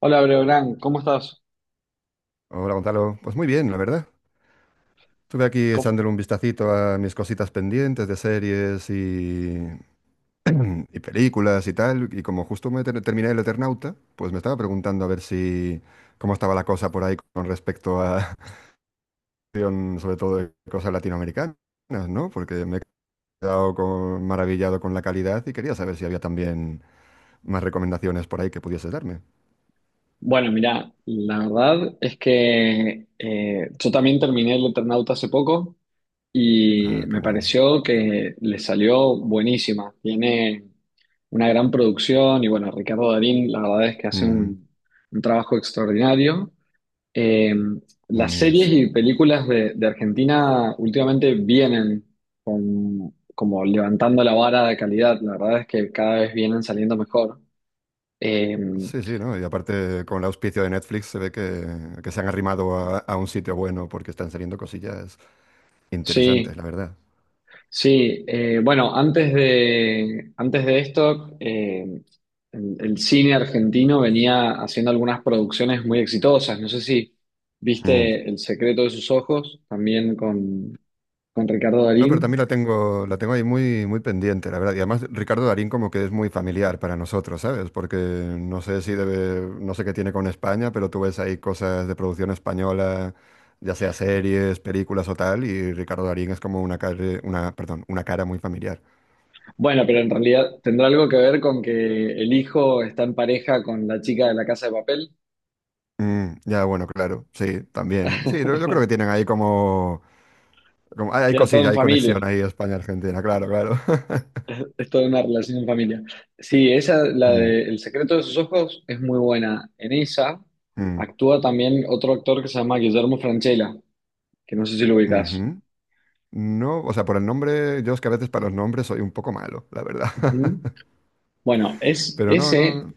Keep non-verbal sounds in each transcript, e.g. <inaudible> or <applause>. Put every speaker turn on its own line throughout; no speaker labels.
Hola, Breogán, ¿cómo estás?
Hola Gonzalo, pues muy bien, la verdad. Estuve aquí
¿Cómo-
echándole un vistacito a mis cositas pendientes de series y películas y tal, y como justo terminé el Eternauta, pues me estaba preguntando a ver si cómo estaba la cosa por ahí con respecto a <laughs> sobre todo de cosas latinoamericanas, ¿no? Porque me he maravillado con la calidad y quería saber si había también más recomendaciones por ahí que pudiese darme.
Bueno, mira, la verdad es que yo también terminé el Eternauta hace poco y
Ah, qué
me
bueno.
pareció que le salió buenísima. Tiene una gran producción y bueno, Ricardo Darín, la verdad es que hace
Mm,
un trabajo extraordinario. Eh, las
mm,
series y películas de Argentina últimamente vienen como levantando la vara de calidad. La verdad es que cada vez vienen saliendo mejor. Eh,
sí, sí, ¿no? Y aparte, con el auspicio de Netflix se ve que se han arrimado a un sitio bueno porque están saliendo cosillas interesantes,
Sí,
la verdad.
sí. Bueno, antes de esto, el cine argentino venía haciendo algunas producciones muy exitosas. No sé si
Mm.
viste El secreto de sus ojos, también con Ricardo
No, pero
Darín.
también la tengo ahí muy, muy pendiente, la verdad. Y además, Ricardo Darín como que es muy familiar para nosotros, ¿sabes? Porque no sé si debe, no sé qué tiene con España, pero tú ves ahí cosas de producción española, ya sea series, películas o tal, y Ricardo Darín es como una cara, una, perdón, una cara muy familiar.
Bueno, pero en realidad tendrá algo que ver con que el hijo está en pareja con la chica de la Casa de Papel.
Mm, ya, bueno, claro, sí, también. Sí, yo creo que
<laughs>
tienen ahí como... Hay, hay
Queda todo
cosilla,
en
hay
familia.
conexión ahí España-Argentina, claro, claro. <laughs>
Es toda una relación en familia. Sí, esa, la
Mm,
de El secreto de sus ojos, es muy buena. En esa
mm,
actúa también otro actor que se llama Guillermo Francella, que no sé si lo ubicás.
ujú. No, o sea, por el nombre, yo es que a veces para los nombres soy un poco malo, la verdad.
Ujú.
<laughs>
Bueno, es,
Pero no, no,
ese
no,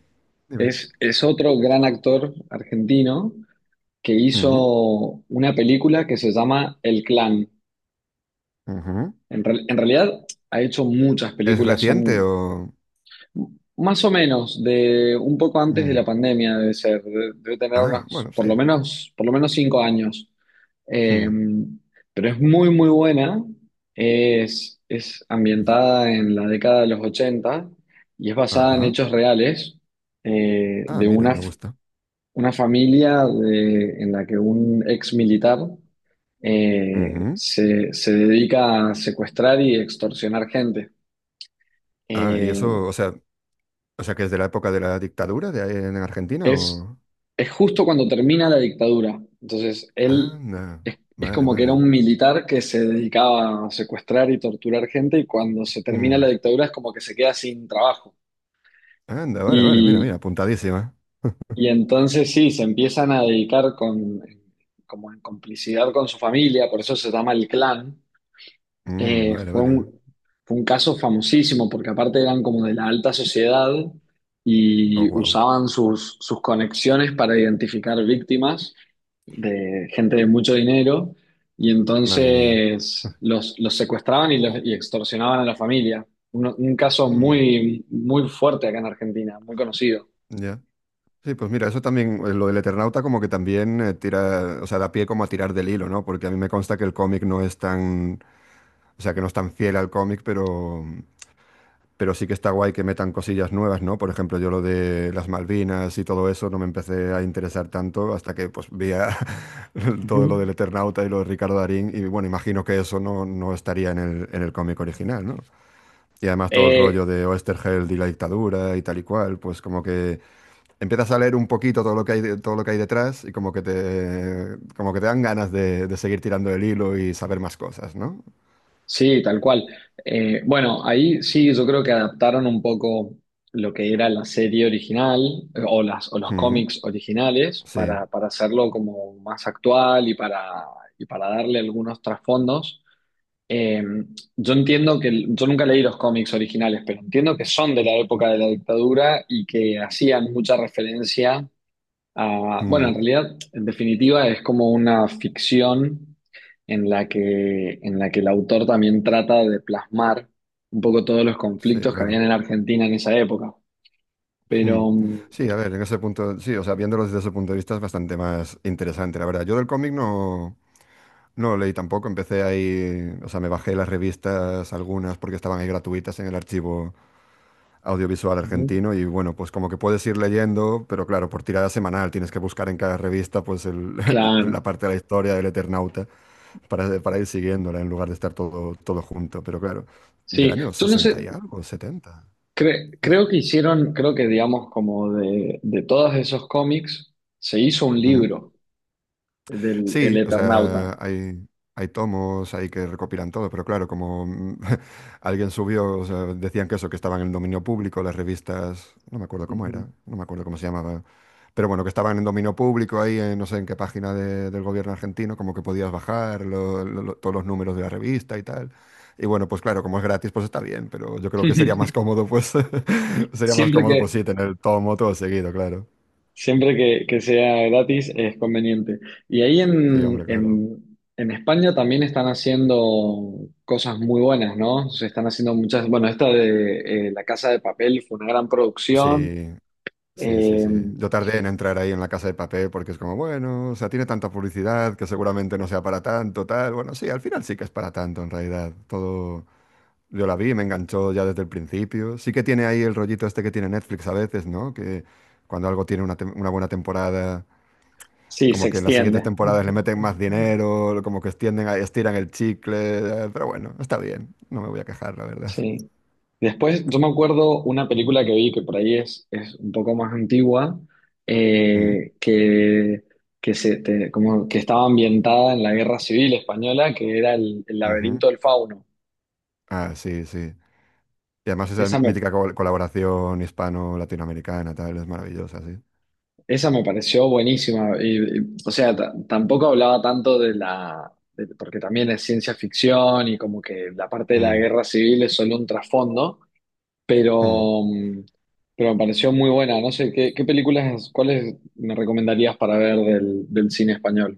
dime.
es otro gran actor argentino que
Mm,
hizo una película que se llama El Clan.
ujú.
En realidad ha hecho muchas
¿Es
películas,
reciente
son...
o...?
Más o menos, de un poco antes de la
Mm,
pandemia debe ser, debe tener
ah,
unos,
bueno, sí.
por lo menos cinco años. Eh,
Mm,
pero es muy, muy buena. Es ambientada en la década de los 80 y es basada en
ajá.
hechos reales,
Ah,
de
mira, me gusta.
una familia en la que un ex militar
Ujú.
se dedica a secuestrar y extorsionar gente.
Ah, y
Eh,
eso, o sea, que es de la época de la dictadura de ahí en Argentina
Es,
o...
es justo cuando termina la dictadura. Entonces, él
Anda,
es
vale,
como que era
vale.
un militar que se dedicaba a secuestrar y torturar gente y cuando se termina
Mm,
la dictadura es como que se queda sin trabajo.
anda, vale, vale, mira,
Y,
mira, apuntadísima.
y entonces sí, se empiezan a dedicar con, como en complicidad con su familia, por eso se llama el clan.
Mm,
Eh,
vale,
fue
vale.
un, Fue un caso famosísimo porque aparte eran como de la alta sociedad
Oh,
y
wow.
usaban sus conexiones para identificar víctimas de gente de mucho dinero y
Madre mía.
entonces los secuestraban y extorsionaban a la familia. Un caso
Mm,
muy, muy fuerte acá en Argentina, muy conocido.
ya. Sí, pues mira, eso también, lo del Eternauta como que también tira, o sea, da pie como a tirar del hilo, ¿no? Porque a mí me consta que el cómic no es tan, o sea, que no es tan fiel al cómic, pero sí que está guay que metan cosillas nuevas, ¿no? Por ejemplo, yo lo de las Malvinas y todo eso no me empecé a interesar tanto hasta que pues <laughs> todo lo
Ujú.
del Eternauta y lo de Ricardo Darín y bueno, imagino que eso no, no estaría en el cómic original, ¿no? Y además todo el
Eh,
rollo de Oesterheld y la dictadura y tal y cual, pues como que empiezas a leer un poquito todo lo que hay, todo lo que hay detrás y como que te dan ganas de seguir tirando el hilo y saber más cosas, ¿no?
Sí, tal cual. Bueno, ahí sí, yo creo que adaptaron un poco lo que era la serie original, o los
Mm,
cómics originales
sí,
para hacerlo como más actual y y para darle algunos trasfondos. Eh, yo entiendo que, yo nunca leí los cómics originales, pero entiendo que son de la época de la dictadura y que hacían mucha referencia. Ah, bueno, en
mm,
realidad, en definitiva, es como una ficción en la que el autor también trata de plasmar un poco todos los
sí,
conflictos que habían
claro.
en Argentina en esa época.
Mm.
Pero, mm,
Sí, a ver, en ese punto, sí, o sea, viéndolo desde ese punto de vista es bastante más interesante, la verdad. Yo del cómic no, no lo leí tampoco, empecé ahí, o sea, me bajé las revistas, algunas porque estaban ahí gratuitas en el archivo audiovisual
ujú,
argentino y bueno, pues como que puedes ir leyendo, pero claro, por tirada semanal tienes que buscar en cada revista <laughs> la
claro,
parte de la historia del Eternauta para ir siguiéndola en lugar de estar todo, todo junto, pero claro, del
sí,
año
yo no
60
sé,
y algo, setenta. Uf.
creo que hicieron, creo que digamos como de todos esos cómics, se hizo un
Mm.
libro del El
Sí, o
Eternauta.
sea, hay tomos ahí que recopilan todo, pero claro, como <laughs> alguien subió, o sea, decían que eso, que estaban en dominio público, las revistas, no me acuerdo cómo
Ujú.
era, no me acuerdo cómo se llamaba, pero bueno, que estaban en dominio público ahí, en, no sé en qué página del gobierno argentino, como que podías bajar todos los números de la revista y tal. Y bueno, pues claro, como es gratis, pues está bien, pero yo creo que sería más
<laughs>
cómodo, pues, <laughs> sería más
Siempre
cómodo, pues
que,
sí, tener el tomo todo seguido, claro.
Siempre que sea gratis es conveniente. Y ahí
Sí, hombre, claro.
en España también están haciendo cosas muy buenas, ¿no? Se están haciendo muchas, bueno, esta de La Casa de Papel fue una gran producción.
Sí, sí, sí,
Eh,
sí. Yo tardé en entrar ahí en la Casa de Papel porque es como, bueno, o sea, tiene tanta publicidad que seguramente no sea para tanto, tal. Bueno, sí, al final sí que es para tanto en realidad. Todo, yo la vi, me enganchó ya desde el principio. Sí que tiene ahí el rollito este que tiene Netflix a veces, ¿no? Que cuando algo tiene una, una buena temporada,
sí, se
como que en las siguientes
extiende.
temporadas le meten más dinero, como que extienden, estiran el chicle, pero bueno, está bien. No me voy a quejar, la verdad.
Sí. Después, yo me acuerdo una película que vi que por ahí es un poco más antigua,
Mm,
eh, que, como que estaba ambientada en la Guerra Civil Española, que era el
ujú.
laberinto del fauno.
Ah, sí, sí. Y además esa
Esa me,
mítica colaboración hispano-latinoamericana, tal, es maravillosa, sí.
esa me pareció buenísima. Y, o sea, tampoco hablaba tanto porque también es ciencia ficción y como que la parte de la
Mm,
guerra civil es solo un trasfondo,
mm.
pero, mm, pero me pareció muy buena. No sé, ¿ qué películas, cuáles me recomendarías para ver del cine español?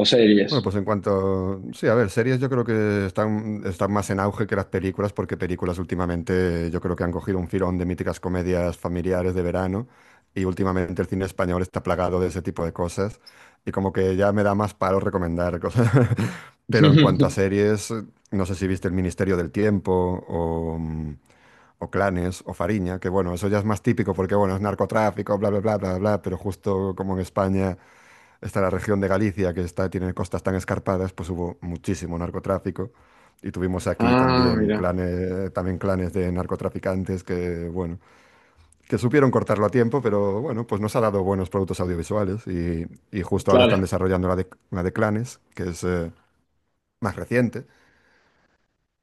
O series.
Bueno, pues en cuanto... Sí, a ver, series yo creo que están, están más en auge que las películas, porque películas últimamente yo creo que han cogido un filón de míticas comedias familiares de verano, y últimamente el cine español está plagado de ese tipo de cosas, y como que ya me da más palo recomendar cosas. <laughs> Pero en cuanto a
<laughs>
series, no sé si viste El Ministerio del Tiempo o... o Clanes o Fariña, que bueno, eso ya es más típico porque bueno, es narcotráfico, bla, bla, bla, bla, bla, pero justo como en España está la región de Galicia que está, tiene costas tan escarpadas, pues hubo muchísimo narcotráfico y tuvimos aquí
Ah, mira,
también clanes de narcotraficantes que bueno, que supieron cortarlo a tiempo, pero bueno, pues nos ha dado buenos productos audiovisuales y justo ahora están
claro.
desarrollando la de Clanes, que es... más reciente,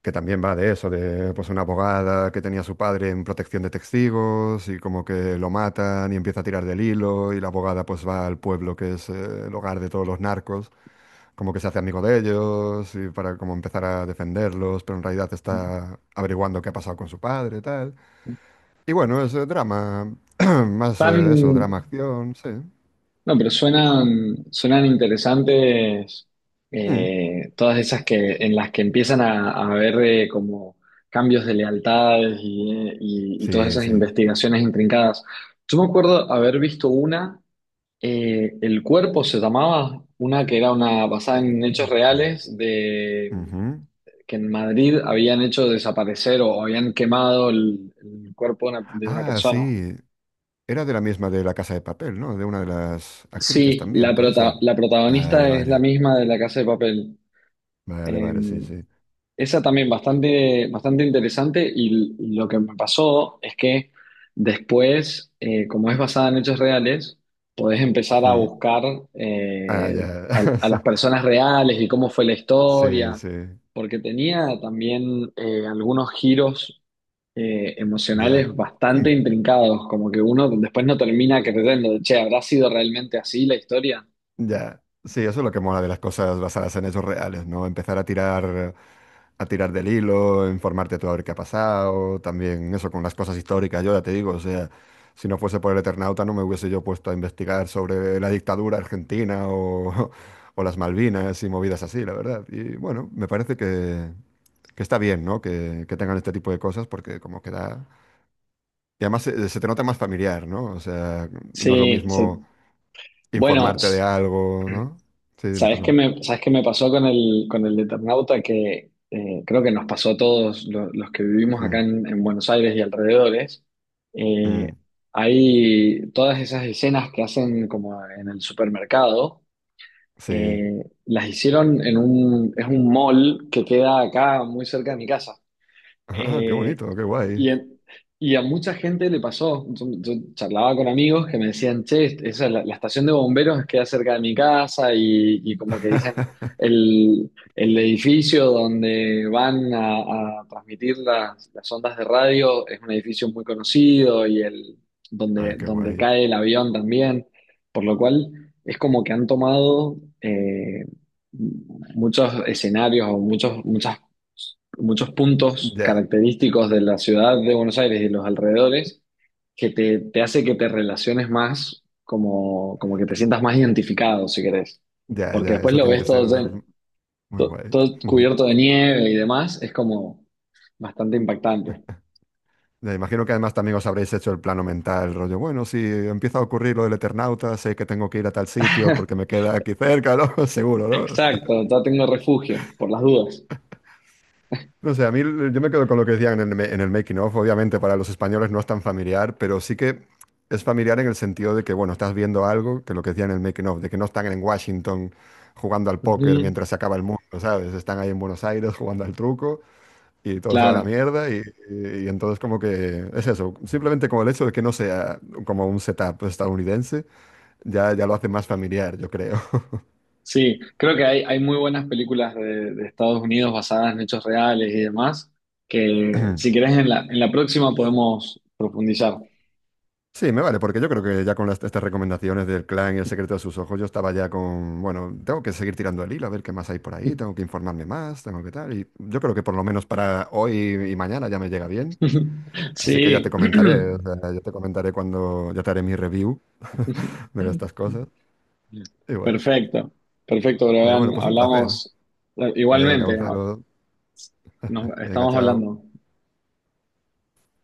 que también va de eso, de pues una abogada que tenía a su padre en protección de testigos y como que lo matan y empieza a tirar del hilo y la abogada pues va al pueblo que es el hogar de todos los narcos, como que se hace amigo de ellos y para como empezar a defenderlos, pero en realidad está averiguando qué ha pasado con su padre y tal. Y bueno, es drama, <clears throat> más
Tan,
eso, drama acción, sí.
No, pero suenan, suenan interesantes,
Mm,
todas esas que, en las que empiezan a haber, como cambios de lealtades y todas
sí,
esas
sí.
investigaciones intrincadas. Yo me acuerdo haber visto una, El cuerpo se llamaba, una que era una basada
El
en hechos
cuerpo.
reales de
Ujú.
que en Madrid habían hecho desaparecer o habían quemado el cuerpo de una
Ah,
persona.
sí. Era de la misma de La Casa de Papel, ¿no? De una de las actrices
Sí,
también, puede ser.
la
Vale,
protagonista es la
vale.
misma de La Casa de Papel.
Vale,
Eh,
vale, sí, sí.
Esa también bastante, bastante interesante y lo que me pasó es que después, como es basada en hechos reales, podés empezar a
Ujú.
buscar
Ah,
eh,
ya.
a las
<laughs>
personas reales y cómo fue la
Sí,
historia,
sí.
porque tenía también algunos giros,
Ya.
emocionales bastante intrincados, como que uno después no termina creyendo, che, ¿habrá sido realmente así la historia?
Ya, sí, eso es lo que mola de las cosas basadas en hechos reales, ¿no? Empezar a tirar del hilo, informarte tú a ver qué ha pasado, también eso con las cosas históricas, yo ya te digo, o sea, si no fuese por el Eternauta no me hubiese yo puesto a investigar sobre la dictadura argentina o, <laughs> o las Malvinas y movidas así, la verdad. Y bueno, me parece que está bien, ¿no? Que tengan este tipo de cosas porque como que da... Y además se, se te nota más familiar, ¿no? O sea, no es lo
Sí, se-
mismo
bueno.
informarte de algo, ¿no? Sí, dime, perdón.
¿Sabes qué me pasó con el Eternauta? Que creo que nos pasó a todos los que vivimos acá
Mm,
en Buenos Aires y alrededores.
mm,
Eh, Hay todas esas escenas que hacen como en el supermercado,
sí.
las hicieron en es un mall que queda acá muy cerca de mi casa.
Ah, qué
Eh,
bonito, qué guay.
y, en- y a mucha gente le pasó. Yo charlaba con amigos que me decían, che, esa es la estación de bomberos queda cerca de mi casa y como que dicen
<laughs>
el edificio donde van a transmitir las ondas de radio es un edificio muy conocido y
Ah, qué
donde
guay.
cae el avión también, por lo cual es como que han tomado muchos escenarios o muchos, muchas muchos puntos
Ya,
característicos de la ciudad de Buenos Aires y los alrededores que te hace que te relaciones más, como, como que te sientas más identificado, si querés.
ya,
Porque
ya,
después
eso
lo
tiene
ves
que ser
todo,
muy guay.
todo
<laughs>
cubierto de nieve y demás, es como bastante impactante.
Ya, imagino que además también os habréis hecho el plano mental, rollo, bueno, si empieza a ocurrir lo del Eternauta, sé que tengo que ir a tal sitio porque
<laughs>
me queda aquí cerca, ¿no? <laughs> Seguro, ¿no?
Exacto, ya tengo refugio, por las dudas.
No sé, yo me quedo con lo que decían en el, en el making of. Obviamente para los españoles no es tan familiar, pero sí que es familiar en el sentido de que, bueno, estás viendo algo que lo que decían en el making of, de que no están en Washington jugando al póker
Ujú,
mientras se acaba el mundo, ¿sabes? Están ahí en Buenos Aires jugando al truco y todo se va a la
claro.
mierda y, y entonces como que es eso, simplemente como el hecho de que no sea como un setup estadounidense, ya, ya lo hace más familiar, yo creo.
Sí, creo que hay muy buenas películas de Estados Unidos basadas en hechos reales y demás, que si
<clears throat>
querés en la próxima podemos profundizar.
Sí, me vale, porque yo creo que ya con estas recomendaciones del clan y el secreto de sus ojos, yo estaba ya con, bueno, tengo que seguir tirando el hilo, a ver qué más hay por ahí, tengo
<laughs>
que informarme más, tengo que tal, y yo creo que por lo menos para hoy y mañana ya me llega bien, así que ya te
Sí,
comentaré, o
<clears throat>
sea, yo te comentaré cuando, ya te haré mi review de estas cosas, igual.
perfecto, perfecto,
Pero
Brian,
bueno, pues un placer.
hablamos
Venga,
igualmente, ¿no?
Gonzalo,
Nos
venga,
estamos
chao.
hablando.